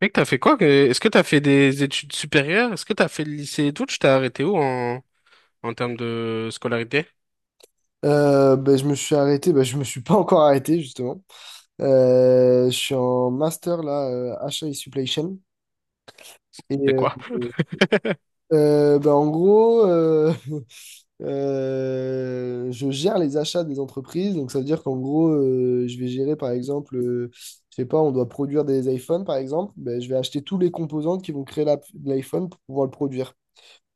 Mec, t'as fait quoi? Est-ce que t'as fait des études supérieures? Est-ce que t'as fait le lycée et tout? Tu t'es arrêté où en termes de scolarité? Ben, je me suis arrêté, ben, je me suis pas encore arrêté justement. Je suis en master là, achat et supply chain. Et C'est euh, quoi? euh, ben, en gros, je gère les achats des entreprises. Donc ça veut dire qu'en gros, je vais gérer par exemple, je sais pas, on doit produire des iPhones par exemple. Ben, je vais acheter tous les composants qui vont créer l'iPhone pour pouvoir le produire.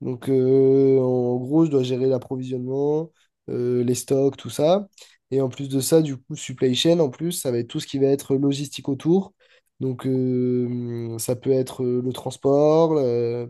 Donc, en gros, je dois gérer l'approvisionnement, les stocks, tout ça. Et en plus de ça, du coup, supply chain, en plus, ça va être tout ce qui va être logistique autour. Donc, ça peut être le transport, euh,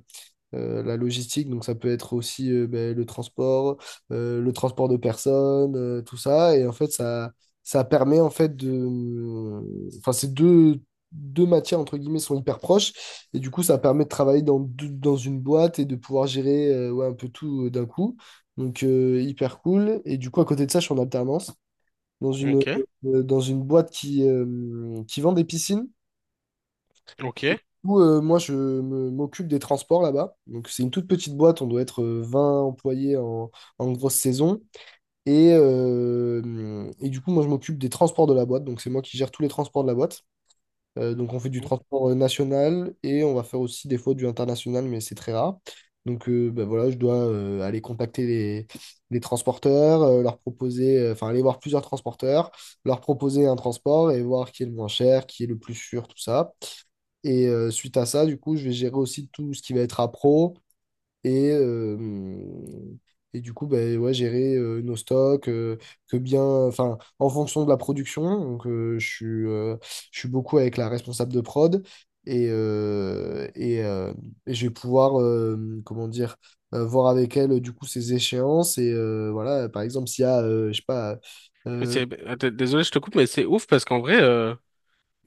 euh, la logistique, donc ça peut être aussi ben, le transport de personnes, tout ça. Et en fait, ça permet en fait de. Enfin, ces deux matières, entre guillemets, sont hyper proches. Et du coup, ça permet de travailler dans une boîte et de pouvoir gérer ouais, un peu tout d'un coup. Donc, hyper cool. Et du coup, à côté de ça, je suis en alternance dans une, Ok, dans une boîte qui vend des piscines. ok. Où, moi, m'occupe des transports là-bas. Donc, c'est une toute petite boîte. On doit être 20 employés en grosse saison. Et du coup, moi, je m'occupe des transports de la boîte. Donc, c'est moi qui gère tous les transports de la boîte. Donc, on fait du transport national et on va faire aussi des fois du international, mais c'est très rare. Donc, bah, voilà, je dois aller contacter les transporteurs, leur proposer, enfin, aller voir plusieurs transporteurs, leur proposer un transport et voir qui est le moins cher, qui est le plus sûr, tout ça. Et suite à ça, du coup, je vais gérer aussi tout ce qui va être appro et, euh, et du coup, ben ouais, gérer nos stocks, que bien, enfin, en fonction de la production. Donc, je suis beaucoup avec la responsable de prod et, euh, et, euh, et je vais pouvoir, comment dire, voir avec elle, du coup, ses échéances. Et voilà, par exemple, s'il y a, je sais pas. Mais euh, c'est, attends, désolé, je te coupe, mais c'est ouf parce qu'en vrai,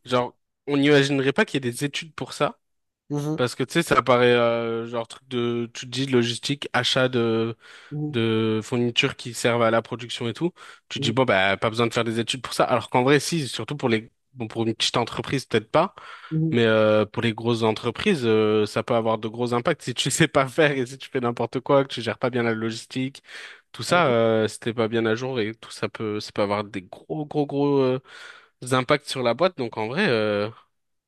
genre, on n'imaginerait pas qu'il y ait des études pour ça. Mhm, Parce que tu sais, ça paraît genre truc de, tu te dis logistique, achat de, mhm, de fournitures qui servent à la production et tout, tu te mhm, dis bon bah pas besoin de faire des études pour ça. Alors qu'en vrai si, surtout pour les bon pour une petite entreprise peut-être pas, mhm. mais pour les grosses entreprises ça peut avoir de gros impacts si tu sais pas faire et si tu fais n'importe quoi, que tu gères pas bien la logistique, tout ça Allô. Si t'es pas bien à jour et tout ça peut avoir des gros gros gros impacts sur la boîte. Donc en vrai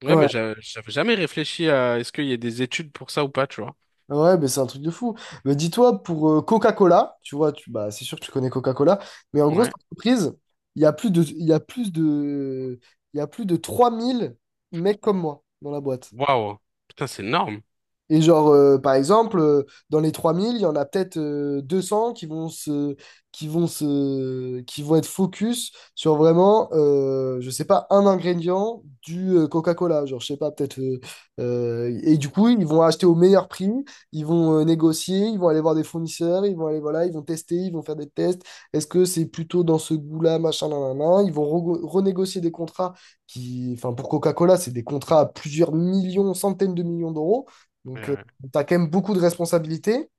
ouais Ouais, mais j'avais jamais réfléchi à est-ce qu'il y a des études pour ça ou pas, tu vois. ouais, mais c'est un truc de fou. Mais dis-toi, pour Coca-Cola, tu vois, bah, c'est sûr que tu connais Coca-Cola, mais en gros, cette Ouais. entreprise, il y a plus de, il y a plus de, il y a plus de 3 000 mecs comme moi dans la boîte. Waouh. Putain, c'est énorme. Et genre, par exemple, dans les 3 000 il y en a peut-être 200 qui vont être focus sur vraiment, je sais pas, un ingrédient du Coca-Cola. Genre, je sais pas, peut-être. Et du coup, ils vont acheter au meilleur prix, ils vont négocier, ils vont aller voir des fournisseurs, ils vont aller, voilà, ils vont tester, ils vont faire des tests. Est-ce que c'est plutôt dans ce goût-là, machin, nan, nan, nan. Ils vont renégocier des contrats qui, enfin, pour Coca-Cola, c'est des contrats à plusieurs millions, centaines de millions d'euros. Donc, tu as quand même beaucoup de responsabilités.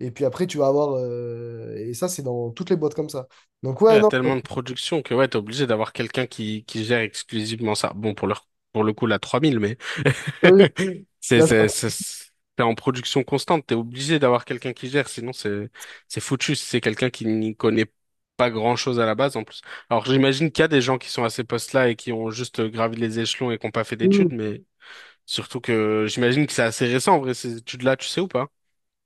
Et puis après, tu vas avoir. Et ça, c'est dans toutes les boîtes comme ça. Donc, Ouais, il ouais, y a non. euh, tellement de production que ouais, t'es obligé d'avoir quelqu'un qui gère exclusivement ça. Bon, pour le coup, la 3 000 mais oui, c'est, là, ça, c'est, c'est, c'est- t'es en production constante, t'es obligé d'avoir quelqu'un qui gère, sinon c'est foutu si c'est quelqu'un qui n'y connaît pas grand-chose à la base, en plus. Alors, j'imagine qu'il y a des gens qui sont à ces postes-là et qui ont juste gravi les échelons et qui n'ont pas fait oui. d'études, mais surtout que j'imagine que c'est assez récent, en vrai, ces études-là, tu sais ou pas?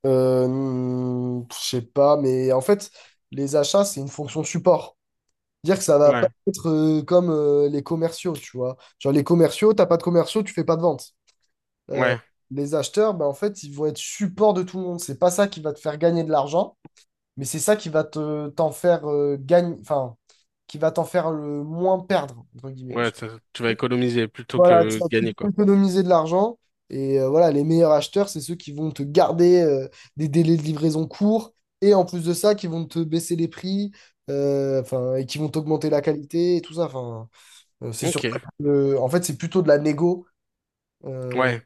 Je sais pas, mais en fait, les achats, c'est une fonction support. Dire que ça va pas Ouais, être comme les commerciaux, tu vois. Genre, les commerciaux, t'as pas de commerciaux, tu fais pas de vente. Euh, ouais, les acheteurs, ben, en fait, ils vont être support de tout le monde. C'est pas ça qui va te faire gagner de l'argent. Mais c'est ça qui va te t'en faire gagner, enfin, qui va t'en faire le moins perdre, entre guillemets. ouais, tu vas économiser plutôt Voilà, tu que vas gagner, plutôt quoi. économiser de l'argent. Et voilà, les meilleurs acheteurs, c'est ceux qui vont te garder des délais de livraison courts. Et en plus de ça, qui vont te baisser les prix, enfin, et qui vont t'augmenter la qualité et tout ça. Enfin, c'est sur Ok, ça que, en fait, c'est plutôt de la négo euh, ouais.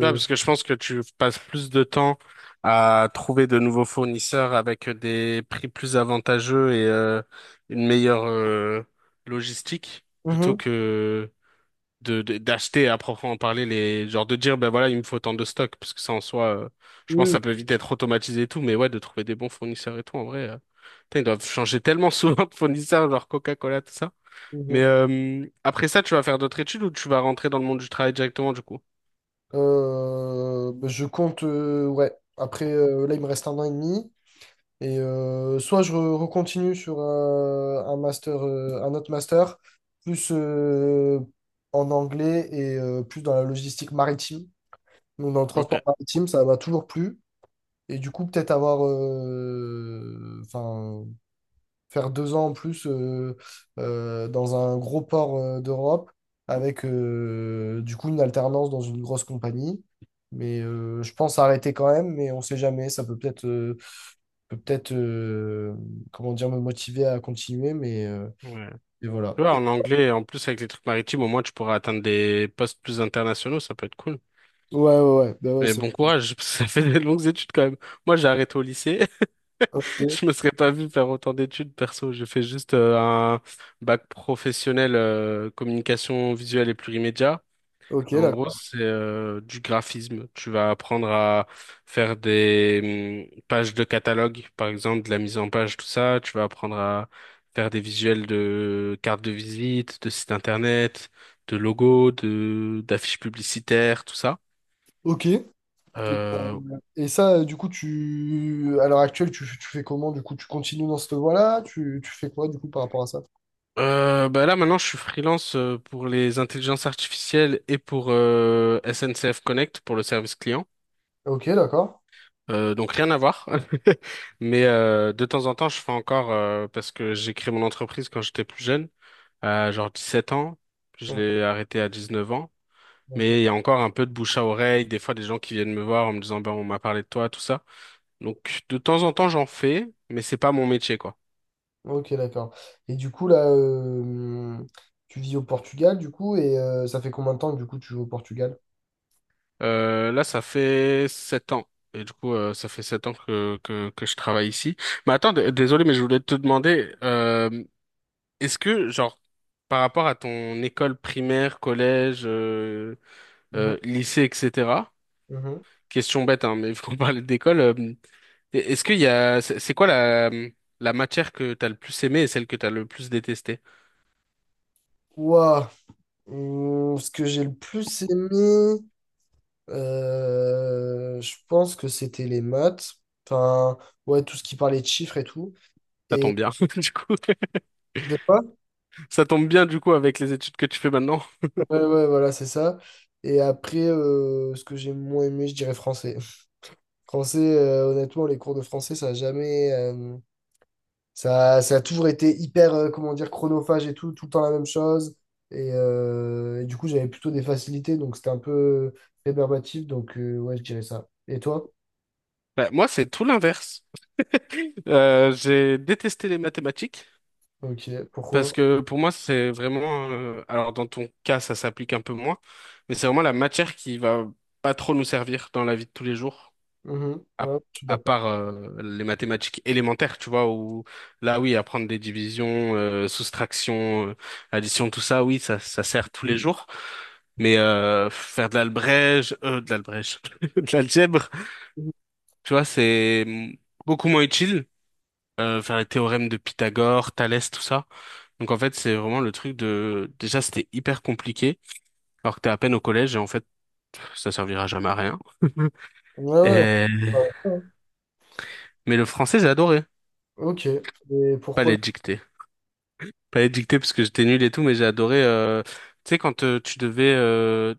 Ouais, parce que je pense que tu passes plus de temps à trouver de nouveaux fournisseurs avec des prix plus avantageux et une meilleure logistique plutôt Mhm. que d'acheter à proprement parler les genre de dire ben voilà il me faut tant de stock parce que ça en soi je Oui, pense que oui. ça peut vite être automatisé et tout mais ouais de trouver des bons fournisseurs et tout en vrai putain, ils doivent changer tellement souvent de fournisseurs genre Coca-Cola tout ça mais Mhm. Après ça tu vas faire d'autres études ou tu vas rentrer dans le monde du travail directement du coup? Bah, je compte, ouais. Après, là, il me reste un an et demi. Et soit je recontinue sur un master, un autre master, plus en anglais et plus dans la logistique maritime. Donc dans le Ok. transport maritime, ça m'a toujours plu. Et du coup, peut-être avoir, enfin, faire 2 ans en plus dans un gros port d'Europe avec du coup une alternance dans une grosse compagnie. Mais je pense arrêter quand même, mais on sait jamais. Ça peut peut-être peut peut-être euh, comment dire me motiver à continuer mais Ouais. et voilà. Tu vois, Et- en anglais, en plus avec les trucs maritimes, au moins tu pourras atteindre des postes plus internationaux, ça peut être cool. ouais ouais, ouais, bah, ouais, Mais bon courage, parce que ça fait des longues études quand même. Moi, j'ai arrêté au lycée. ok, Je me serais pas vu faire autant d'études perso. J'ai fait juste un bac professionnel communication visuelle et plurimédia. ok, En gros, d'accord. c'est du graphisme. Tu vas apprendre à faire des pages de catalogue, par exemple, de la mise en page, tout ça. Tu vas apprendre à faire des visuels de cartes de visite, de sites internet, de logos, de d'affiches publicitaires, tout ça. Ok, et, Euh, euh, et ça du coup, tu à l'heure actuelle, tu fais comment, du coup tu continues dans cette voie-là, tu fais quoi du coup par rapport à ça? Bah là, maintenant, je suis freelance pour les intelligences artificielles et pour SNCF Connect, pour le service client. Ok, d'accord. Donc rien à voir, mais de temps en temps je fais encore parce que j'ai créé mon entreprise quand j'étais plus jeune, à genre 7 ans, je Ouais, l'ai arrêté à 19 ans, ok, mais il y a encore un peu de bouche à oreille, des fois des gens qui viennent me voir en me disant ben on m'a parlé de toi, tout ça. Donc de temps en temps j'en fais, mais c'est pas mon métier quoi. ok, d'accord. Et du coup là, tu vis au Portugal du coup et ça fait combien de temps que du coup tu joues au Portugal? Là ça fait 7 ans. Et du coup, ça fait 7 ans que je travaille ici. Mais attends, désolé, mais je voulais te demander, est-ce que, genre, par rapport à ton école primaire, collège, Mhm, lycée, etc., mhm. question bête, hein, mais il faut parler d'école, est-ce qu'il y a, c'est quoi la matière que t'as le plus aimée et celle que t'as le plus détestée? Ouah, ce que j'ai le plus aimé. Je pense que c'était les maths. Enfin, ouais, tout ce qui parlait de chiffres et tout. Ça Et tombe bien, du coup. de quoi? Ça tombe bien, du coup, avec les études que tu fais maintenant. Ouais, ouais, voilà, c'est ça. Et après, ce que j'ai moins aimé, je dirais français. Français, honnêtement, les cours de français, ça a jamais. Ça, ça a toujours été hyper, comment dire, chronophage et tout, tout le temps la même chose. Et du coup, j'avais plutôt des facilités, donc c'était un peu rébarbatif. Donc, ouais, je dirais ça. Et toi? Bah, moi, c'est tout l'inverse. J'ai détesté les mathématiques. Ok, Parce pourquoi? que pour moi, c'est vraiment... alors dans ton cas, ça s'applique un peu moins, mais c'est vraiment la matière qui va pas trop nous servir dans la vie de tous les jours, Mhm, à, ouais, je suis à d'accord. part les mathématiques élémentaires, tu vois, où là, oui, apprendre des divisions, soustractions, additions, tout ça, oui, ça sert tous les jours. Mais faire de l'albrège, de l'algèbre, tu vois, c'est beaucoup moins utile vers les théorèmes de Pythagore, Thalès, tout ça. Donc en fait, c'est vraiment le truc de... Déjà, c'était hyper compliqué, alors que t'es à peine au collège, et en fait, pff, ça servira jamais à rien. Ouais, ouais. Et- Ouais. Mais le français, j'ai adoré. Ok. Et Pas pourquoi? les dictées. Pas les dictées, parce que j'étais nul et tout, mais j'ai adoré... tu sais, quand tu devais...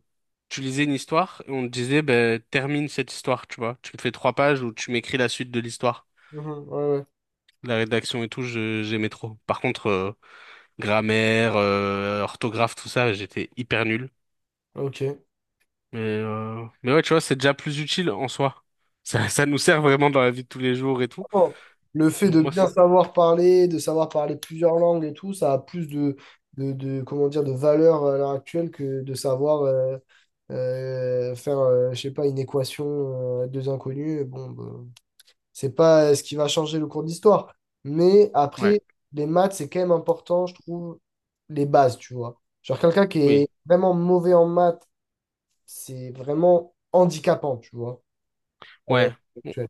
tu lisais une histoire, et on te disait, ben, termine cette histoire, tu vois. Tu me fais trois pages où tu m'écris la suite de l'histoire. Mhm, ouais, La rédaction et tout, j'aimais trop. Par contre, grammaire, orthographe, tout ça, j'étais hyper nul. ouais. Ok. Mais ouais, tu vois, c'est déjà plus utile en soi. Ça nous sert vraiment dans la vie de tous les jours et tout. Bon. Le fait Donc de moi, bien savoir parler, de savoir parler plusieurs langues et tout, ça a plus de, comment dire, de valeur à l'heure actuelle que de savoir faire, je sais pas, une équation, à deux inconnus. Bon, ben, c'est pas ce qui va changer le cours d'histoire. Mais ouais, après, les maths, c'est quand même important, je trouve, les bases, tu vois. Genre quelqu'un qui est oui, vraiment mauvais en maths, c'est vraiment handicapant, tu vois, à l'heure ouais. Bon. actuelle.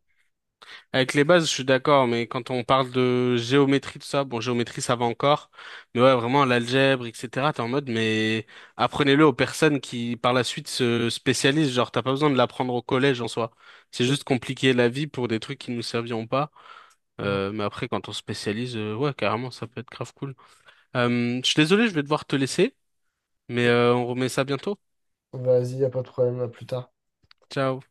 Avec les bases, je suis d'accord, mais quand on parle de géométrie, tout ça, bon, géométrie, ça va encore. Mais ouais, vraiment, l'algèbre, etc., t'es en mode, mais apprenez-le aux personnes qui, par la suite, se spécialisent. Genre, t'as pas besoin de l'apprendre au collège en soi. C'est juste compliquer la vie pour des trucs qui nous serviront pas. Mm. Mais après, quand on se spécialise, ouais, carrément, ça peut être grave cool. Je suis désolé, je vais devoir te laisser. Mais on remet ça bientôt. Vas-y, y a pas de problème, à plus tard. Ciao.